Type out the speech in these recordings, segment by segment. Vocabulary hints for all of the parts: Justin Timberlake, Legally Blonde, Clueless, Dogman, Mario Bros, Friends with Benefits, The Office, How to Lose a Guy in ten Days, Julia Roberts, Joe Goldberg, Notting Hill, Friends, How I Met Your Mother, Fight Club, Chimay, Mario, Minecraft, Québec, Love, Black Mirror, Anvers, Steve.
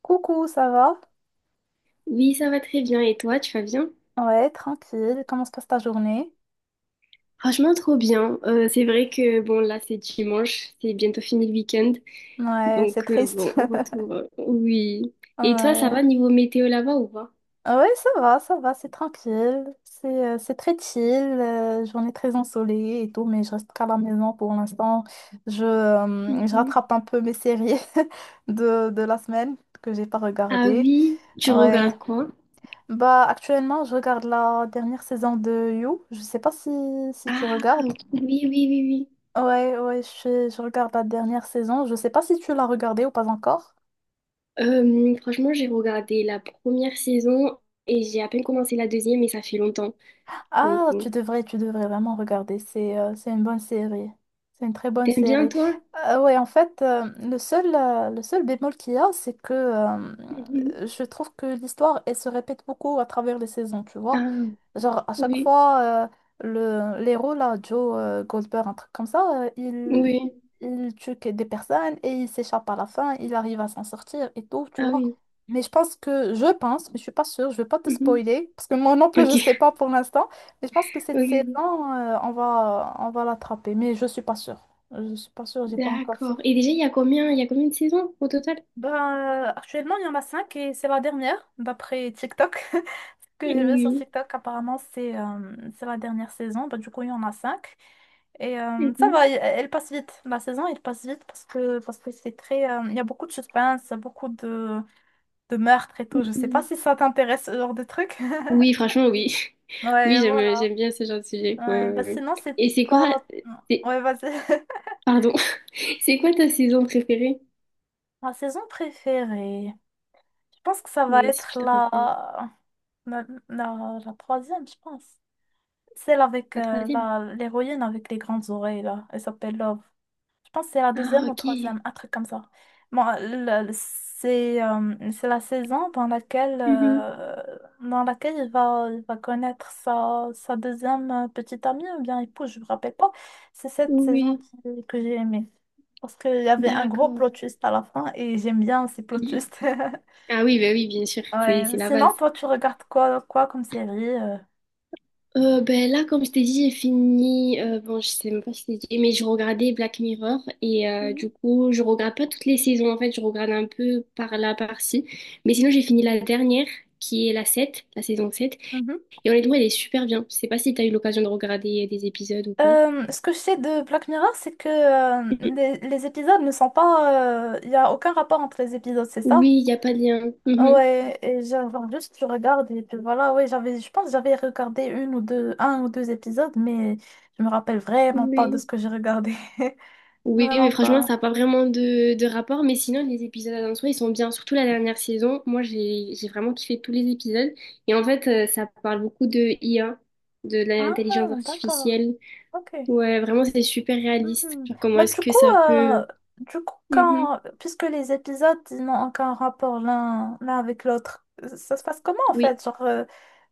Coucou, ça va? Oui, ça va très bien. Et toi, tu vas bien? Ouais, tranquille. Comment se passe ta journée? Franchement, trop bien. C'est vrai que bon, là, c'est dimanche, c'est bientôt fini le week-end. Ouais, c'est Donc, triste. bon, retour. Oui. Et toi, ça Ouais. va niveau météo là-bas ou pas? Ouais, ça va, c'est tranquille. C'est très chill, journée très ensoleillée et tout, mais je reste qu'à la maison pour l'instant. Je Mhm. rattrape un peu mes séries de la semaine que j'ai pas Ah regardées. oui, tu Ouais. regardes quoi? Bah, actuellement, je regarde la dernière saison de You. Je sais pas si Ah tu regardes. oui, oui, oui, oui. Ouais, ouais, je regarde la dernière saison. Je sais pas si tu l'as regardée ou pas encore. Franchement, j'ai regardé la première saison et j'ai à peine commencé la deuxième et ça fait longtemps. Donc, Ah, bon. tu devrais vraiment regarder. C'est une bonne série. C'est une très bonne T'aimes bien série. toi? Ouais, en fait, le seul bémol qu'il y a, c'est que Mhm. Je trouve que l'histoire, elle se répète beaucoup à travers les saisons, tu vois. Ah Genre, à chaque oui, fois, l'héros, là, Joe Goldberg, un truc comme ça, il, oui, il tue que des personnes et il s'échappe à la fin, il arrive à s'en sortir et tout, tu ah vois. oui. Mais je pense que, je pense, mais je suis pas sûre, je vais pas te Mhm. spoiler, parce que moi non plus, Ok, je sais pas pour l'instant. Et je pense que ok, cette saison, ok. On va l'attraper, mais je suis pas sûre. Je suis pas sûre, j'ai pas encore fait. D'accord. Et déjà, il y a combien de saisons au total? Ben, actuellement, il y en a cinq et c'est la dernière, d'après TikTok. Ce que j'ai vu sur Oui. TikTok. Apparemment, c'est la dernière saison. Ben, du coup, il y en a cinq. Et ça Mhm. va, elle passe vite. La saison, elle passe vite parce que c'est très. Il y a beaucoup de suspense, beaucoup de meurtres et tout. Je sais pas Mhm. si ça t'intéresse, ce genre de truc. Oui, franchement, oui. Oui, Ouais, j'aime, voilà. j'aime bien ce genre de sujet. Ouais, Ouais, ouais, bah ouais. sinon, c'est Et c'est quoi, pas. c'est- Ouais, vas-y. pardon, c'est quoi ta saison préférée? Ma saison préférée, je pense que ça va Oui, si tu être te rappelles. la troisième, je pense. Celle avec La troisième. l'héroïne avec les grandes oreilles, là. Elle s'appelle Love. Je pense que c'est la Ah, deuxième ou ok. troisième, un truc comme ça. Bon, c'est la saison dans laquelle, Mhm. euh, dans laquelle il va connaître sa deuxième petite amie ou bien épouse, je me rappelle pas. C'est cette saison Oui, que j'ai aimée. Parce qu'il y avait un gros d'accord. plot twist à la fin et j'aime bien ces plot Mhm. twists. Ah oui, bah oui, bien sûr, c'est Ouais. c'est la Sinon, base. toi, tu regardes quoi, quoi comme série? Ben là, comme je t'ai dit, j'ai fini. Bon, je sais même pas si je t'ai dit, mais je regardais Black Mirror et du coup, je regarde pas toutes les saisons en fait, je regarde un peu par là, par-ci. Mais sinon, j'ai fini la dernière qui est la saison sept. Mhm. Et honnêtement, elle est super bien. Je sais pas si t'as eu l'occasion de regarder des épisodes ou pas. Ce que je sais de Black Mirror, c'est que Mhm. les épisodes ne sont pas. Il n'y a aucun rapport entre les épisodes, c'est ça? Oui, il n'y a pas de lien. Mhm. Ouais, et genre juste tu regardes et puis voilà, ouais, j'avais, je pense que j'avais regardé une ou deux, un ou deux épisodes, mais je me rappelle vraiment pas de Oui. ce que j'ai regardé. Oui, mais Vraiment franchement, pas. ça n'a pas vraiment de rapport. Mais sinon, les épisodes en soi, ils sont bien. Surtout la dernière saison. Moi, j'ai vraiment kiffé tous les épisodes. Et en fait, ça parle beaucoup de IA, de Ah, l'intelligence d'accord. artificielle. Ok. Ouais, vraiment, c'est super réaliste. Mhm. Genre, comment Bah est-ce du que coup, ça peut... euh, du coup, Mhm. quand, puisque les épisodes, ils n'ont aucun rapport l'un avec l'autre, ça se passe comment en Oui, fait? Genre,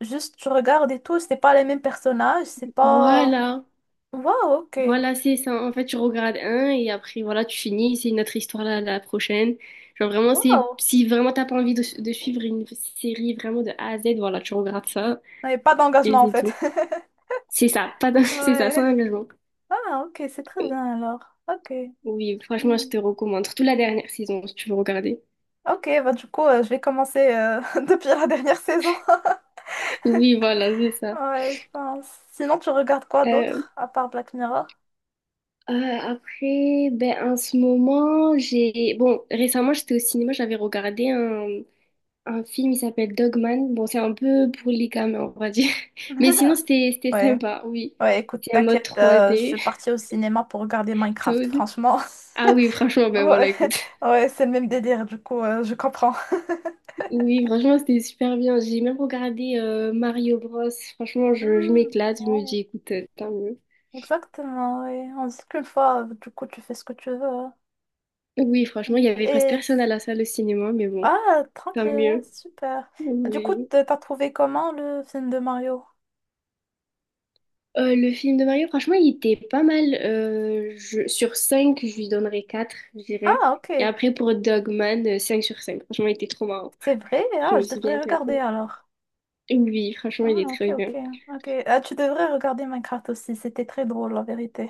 juste, je regarde et tout, c'est pas les mêmes personnages, c'est pas. voilà. Waouh, ok. Voilà, c'est ça. En fait, tu regardes un et après, voilà, tu finis. C'est une autre histoire la prochaine. Genre, vraiment, c'est... Waouh. Si vraiment t'as pas envie de suivre une série vraiment de A à Z, voilà, tu regardes ça Il n'y a pas et d'engagement en c'est fait. tout. C'est ça, pas d'en- c'est ça, sans Ouais. engagement. Ah, ok, c'est très bien alors. Ok. Oui, franchement, je Hmm. te recommande. Surtout la dernière saison, si tu veux regarder. Ok, bah du coup, je vais commencer depuis la dernière saison. Oui, voilà, c'est ça. Ouais, je pense. Sinon, tu regardes quoi Euh, d'autre, à part Black Mirror? euh, Après, ben, en ce moment, j'ai... Bon, récemment, j'étais au cinéma, j'avais regardé un film, il s'appelle Dogman. Bon, c'est un peu pour les gamins, on va dire. Mais sinon, c'était Ouais. sympa, oui. Ouais, écoute, C'est un mode t'inquiète, je 3D, suis partie au cinéma pour regarder Minecraft, tout. franchement. Ah oui, franchement, ben voilà, Ouais, écoute. ouais, c'est le même délire, du coup, je comprends. Oui, franchement, c'était super bien. J'ai même regardé Mario Bros. Franchement, je m'éclate. Je me dis, Hmm. écoute, tant mieux. Exactement, oui. On dit qu'une fois, du coup, tu fais ce que tu veux, hein. Oui, franchement, il y Mm. avait presque Et. personne à la salle de cinéma, mais bon, Ah, tant tranquille, hein, mieux. super. Du coup, Oui. T'as trouvé comment le film de Mario? Le film de Mario, franchement, il était pas mal. Sur cinq, je lui donnerais quatre, je dirais. Ah, Et ok. après, pour Dogman, 5 sur cinq. Franchement, il était trop marrant. C'est vrai, Je ah, me je suis bien devrais regarder éclatée. alors. Oui, franchement, Ah, il est ok, très ok, bien. ok. Ah, tu devrais regarder Minecraft aussi, c'était très drôle, la vérité.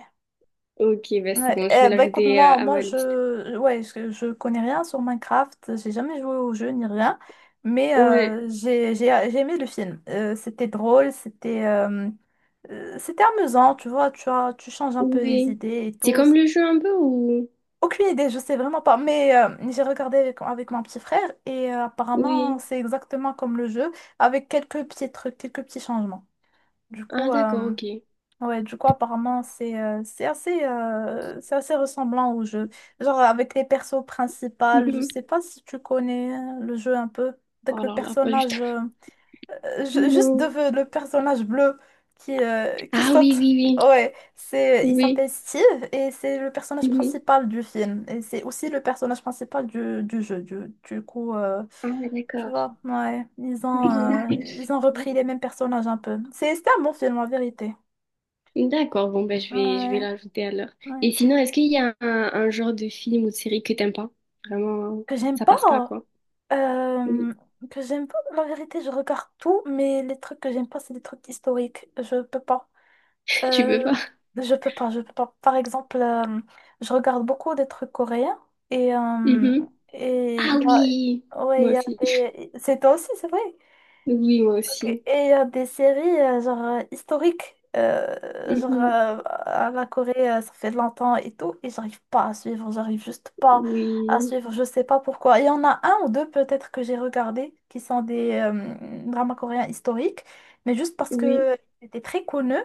Ok, bah c'est Ouais, bon, je vais eh, bah écoute, l'ajouter moi, à moi ma liste. je, ouais, je connais rien sur Minecraft, j'ai jamais joué au jeu ni rien, mais Ouais, j'ai aimé le film. C'était drôle, c'était amusant, tu vois, tu as, tu changes un peu les oui. idées et C'est tout. comme le jeu un peu ou... Aucune idée, je sais vraiment pas, mais j'ai regardé avec mon petit frère et apparemment Oui. c'est exactement comme le jeu, avec quelques petits trucs, quelques petits changements. Du Ah, coup, euh, d'accord, ok. Ouais, du coup, apparemment, c'est assez ressemblant au jeu. Genre, avec les persos principaux, je Mhm. sais pas si tu connais le jeu un peu. Avec Oh le là là, pas du tout. personnage, ju- juste Non. de, le personnage bleu qui Ah oui, saute. oui, Ouais, oui. il Oui. s'appelle Steve et c'est le personnage Mhm. principal du film. Et c'est aussi le personnage principal du jeu. Du coup, Ah, tu d'accord. vois, ouais, ils ont, euh, ils ont Mhm. repris les mêmes personnages un peu. C'est, c'était un bon film, en vérité. D'accord, bon, ben, je vais Ouais. l'ajouter alors. Ouais. Et sinon, est-ce qu'il y a un genre de film ou de série que t'aimes pas? Vraiment, Que j'aime ça passe pas, pas. quoi. Oui. euh, La vérité, je regarde tout, mais les trucs que j'aime pas, c'est des trucs historiques. Je peux pas. Tu peux Euh, pas? je peux pas, je peux pas. Par exemple, je regarde beaucoup des trucs coréens et euh, Mhm. et Ah il y a, oui! ouais, Moi il y a aussi. des. C'est toi aussi, c'est vrai. Oui, moi Ok. aussi. Et il des séries genre historiques, genre Mhm. À la Corée, ça fait longtemps et tout, et j'arrive pas à suivre, j'arrive juste pas à Oui. suivre, je sais pas pourquoi. Il y en a un ou deux peut-être que j'ai regardé qui sont des dramas coréens historiques, mais juste parce Oui. que c'était très connu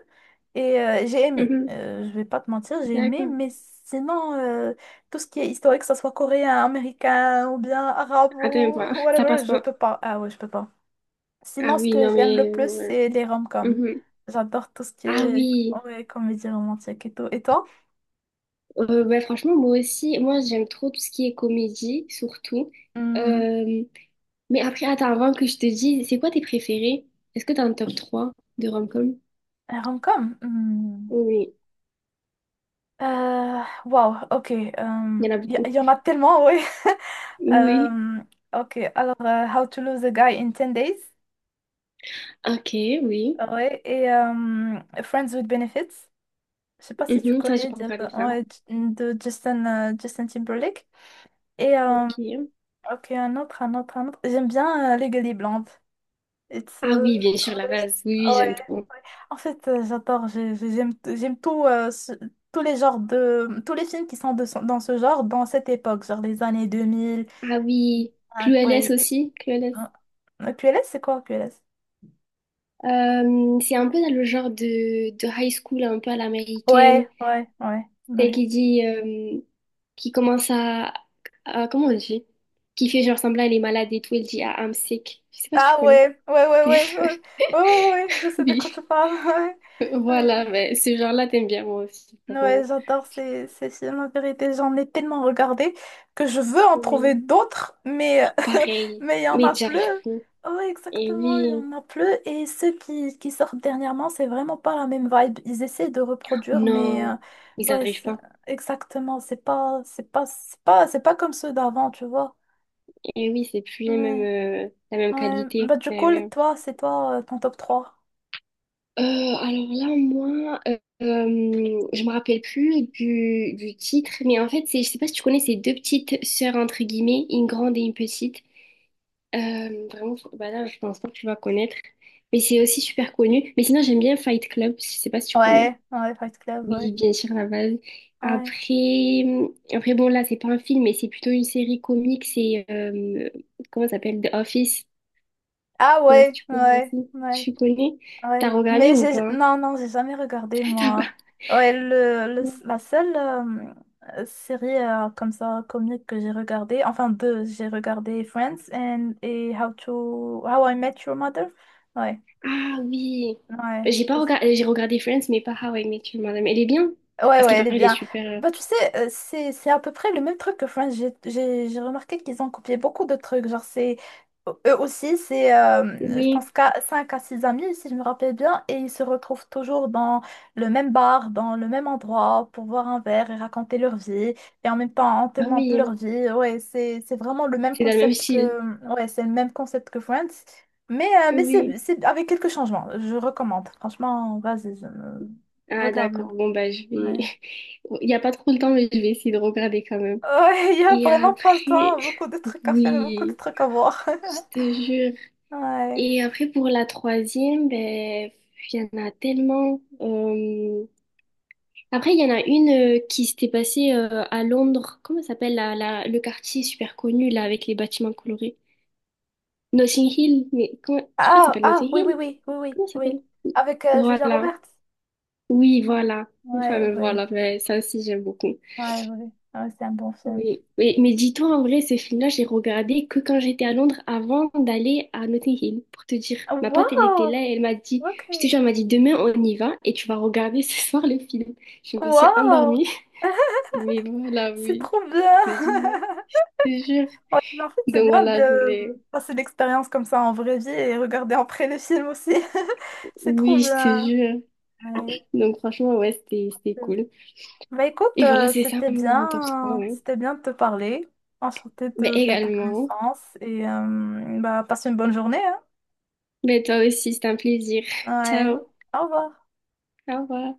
et j'ai aimé. Mhm. Je vais pas te mentir, j'ai aimé, D'accord. mais sinon, tout ce qui est historique, que ça soit coréen, américain ou bien arabe Attends ou pas. Ça whatever, passe je pas. peux pas. Ah ouais, je peux pas. Ah Sinon, ce oui, que non, j'aime mais... le plus, c'est les rom ouais. j'adore tout ce qui Ah est, oui, ouais, comédie romantique et tout. Et toi? Bah, franchement, moi aussi, moi j'aime trop tout ce qui est comédie, surtout. Hmm, Euh, mais après, attends, avant que je te dise, c'est quoi tes préférés? Est-ce que t'as un top 3 de rom-com? un rom-com? Hmm. Oui, Wow, ok. Il il y en a y, beaucoup. y en a tellement, oui. Oui, Euh, ok, alors How to Lose a Guy in 10 Days. ok, oui. Ouais, et Friends with Benefits. Je sais pas si tu Mhm, ça, j'ai connais pas de, regardé ça. ouais, de Justin Timberlake. Et Ok. ok, un autre, un autre, un autre. J'aime bien Legally Blonde. It's, Ah euh, oui, bien sûr, la base. Oui, oui, ouais, j'aime trop. ouais. En fait, j'adore, j'aime tout, tous les genres de, tous les films qui sont de, dans ce genre, dans cette époque, genre les années 2000. Ah oui, Hein, Clueless ouais, aussi, Clueless. hein. QLS, c'est quoi QLS? C'est un peu dans le genre de high school, un peu à l'américaine. Ouais, ouais, ouais, Celle ouais. qui dit, qui commence comment on dit? Qui fait genre semblant elle est malade et tout, elle dit ah, I'm sick. Je sais pas si tu Ah connais. ouais, ouais, ouais, ouais, ouais, ouais, ouais, ouais, je sais de quoi Oui. tu parles. Ouais, Voilà, ouais. mais ce genre-là, t'aimes bien moi aussi, Ouais, vraiment. j'adore ces films, en vérité. J'en ai tellement regardé que je veux en trouver Oui. d'autres, mais Pareil. mais il y en Mais a plus. j'arrive plus. Ouais, Et exactement, il y oui. en a plus. Et ceux qui sortent dernièrement, c'est vraiment pas la même vibe. Ils essaient de reproduire, mais Non. Ils ouais, arrivent pas. exactement. C'est pas, c'est pas, c'est pas, c'est pas comme ceux d'avant, tu vois. Et oui, c'est plus les Ouais, mêmes, la même ouais. qualité. Bah, du Eh coup, oui, toi, c'est toi, ton top trois. Alors là, moi, je me rappelle plus du titre, mais en fait, c'est, je sais pas si tu connais ces deux petites sœurs, entre guillemets, une grande et une petite. Vraiment, bah là, je pense pas que tu vas connaître, mais c'est aussi super connu. Mais sinon, j'aime bien Fight Club, je sais pas si tu connais. Ouais, ouais, Fight Club, Oui, ouais. bien sûr, la base. Ouais. Après, après, bon, là, c'est pas un film, mais c'est plutôt une série comique, c'est, comment ça s'appelle? The Office. Ah Je sais pas si ouais, tu connais ouais, aussi. ouais. Tu connais? T'as Ouais, regardé mais ou j'ai pas? non, non, j'ai jamais regardé T'as pas. moi. Ouais, la seule série comme ça comique que j'ai regardée, enfin deux, j'ai regardé Friends and et How I Met Your Mother. Ouais, Ah oui. ouais, Bah, j'ai pas c'est. regardé, j'ai regardé Friends, mais pas How I Met Your Mother. Mais elle est bien. Ouais, Parce qu'il ouais, elle est paraît, elle est bien. super. Bah, tu sais, c'est à peu près le même truc que Friends. J'ai remarqué qu'ils ont copié beaucoup de trucs. Genre, c'est, eux aussi, c'est, je Oui. pense, qu'à 5 à 6 amis, si je me rappelle bien, et ils se retrouvent toujours dans le même bar, dans le même endroit, pour boire un verre et raconter leur vie. Et en même temps, on te Ah montre oui. leur vie. Ouais, c'est vraiment le même C'est dans le même concept style. que, ouais, c'est le même concept que Friends. Mais c'est, Oui. c'est avec quelques changements. Je recommande. Franchement, vas-y, Ah regarde-le. d'accord. Bon bah je vais. Ouais. Il y a pas trop le temps, mais je vais essayer de regarder quand même. Ouais, il y a Et vraiment pas le après, temps, beaucoup de trucs à faire et beaucoup de oui, trucs à voir. je te jure. Ouais. Et après pour la troisième, ben il y en a tellement. Après, il y en a une qui s'était passée à Londres. Comment ça s'appelle le quartier super connu là avec les bâtiments colorés? Notting Hill, mais comment... Je crois que ça Ah, s'appelle ah, Notting oui, oui, Hill. oui, oui, oui, Comment ça oui. s'appelle? Avec Julia Voilà. Roberts. Oui, voilà. Enfin, Ouais, mais ouais, voilà, mais ça aussi, j'aime beaucoup. ouais, ouais. Ouais, c'est un bon film. Oui. Mais, dis-toi, en vrai, ce film-là, j'ai regardé que quand j'étais à Londres avant d'aller à Notting Hill, pour te dire. Ma pote, elle était Wow, là et elle m'a dit, ok. je te jure, elle m'a dit, demain, on y va et tu vas regarder ce soir le film. Je me suis Wow, endormie, mais voilà, c'est oui. trop bien. Je te jure. Je te jure. Ouais, mais en fait, c'est Donc bien voilà, je de voulais. passer l'expérience comme ça en vraie vie et regarder après les films aussi. C'est trop Oui, je te bien. jure. Ouais. Donc franchement, ouais, c'était cool. Bah écoute, Et voilà, c'est ça mon top 3. Ouais. c'était bien de te parler. Enchantée Ben de faire ta également. connaissance et bah passe une bonne journée, hein. Ben toi aussi, c'est un plaisir. Ouais, Ciao. au revoir. Au revoir.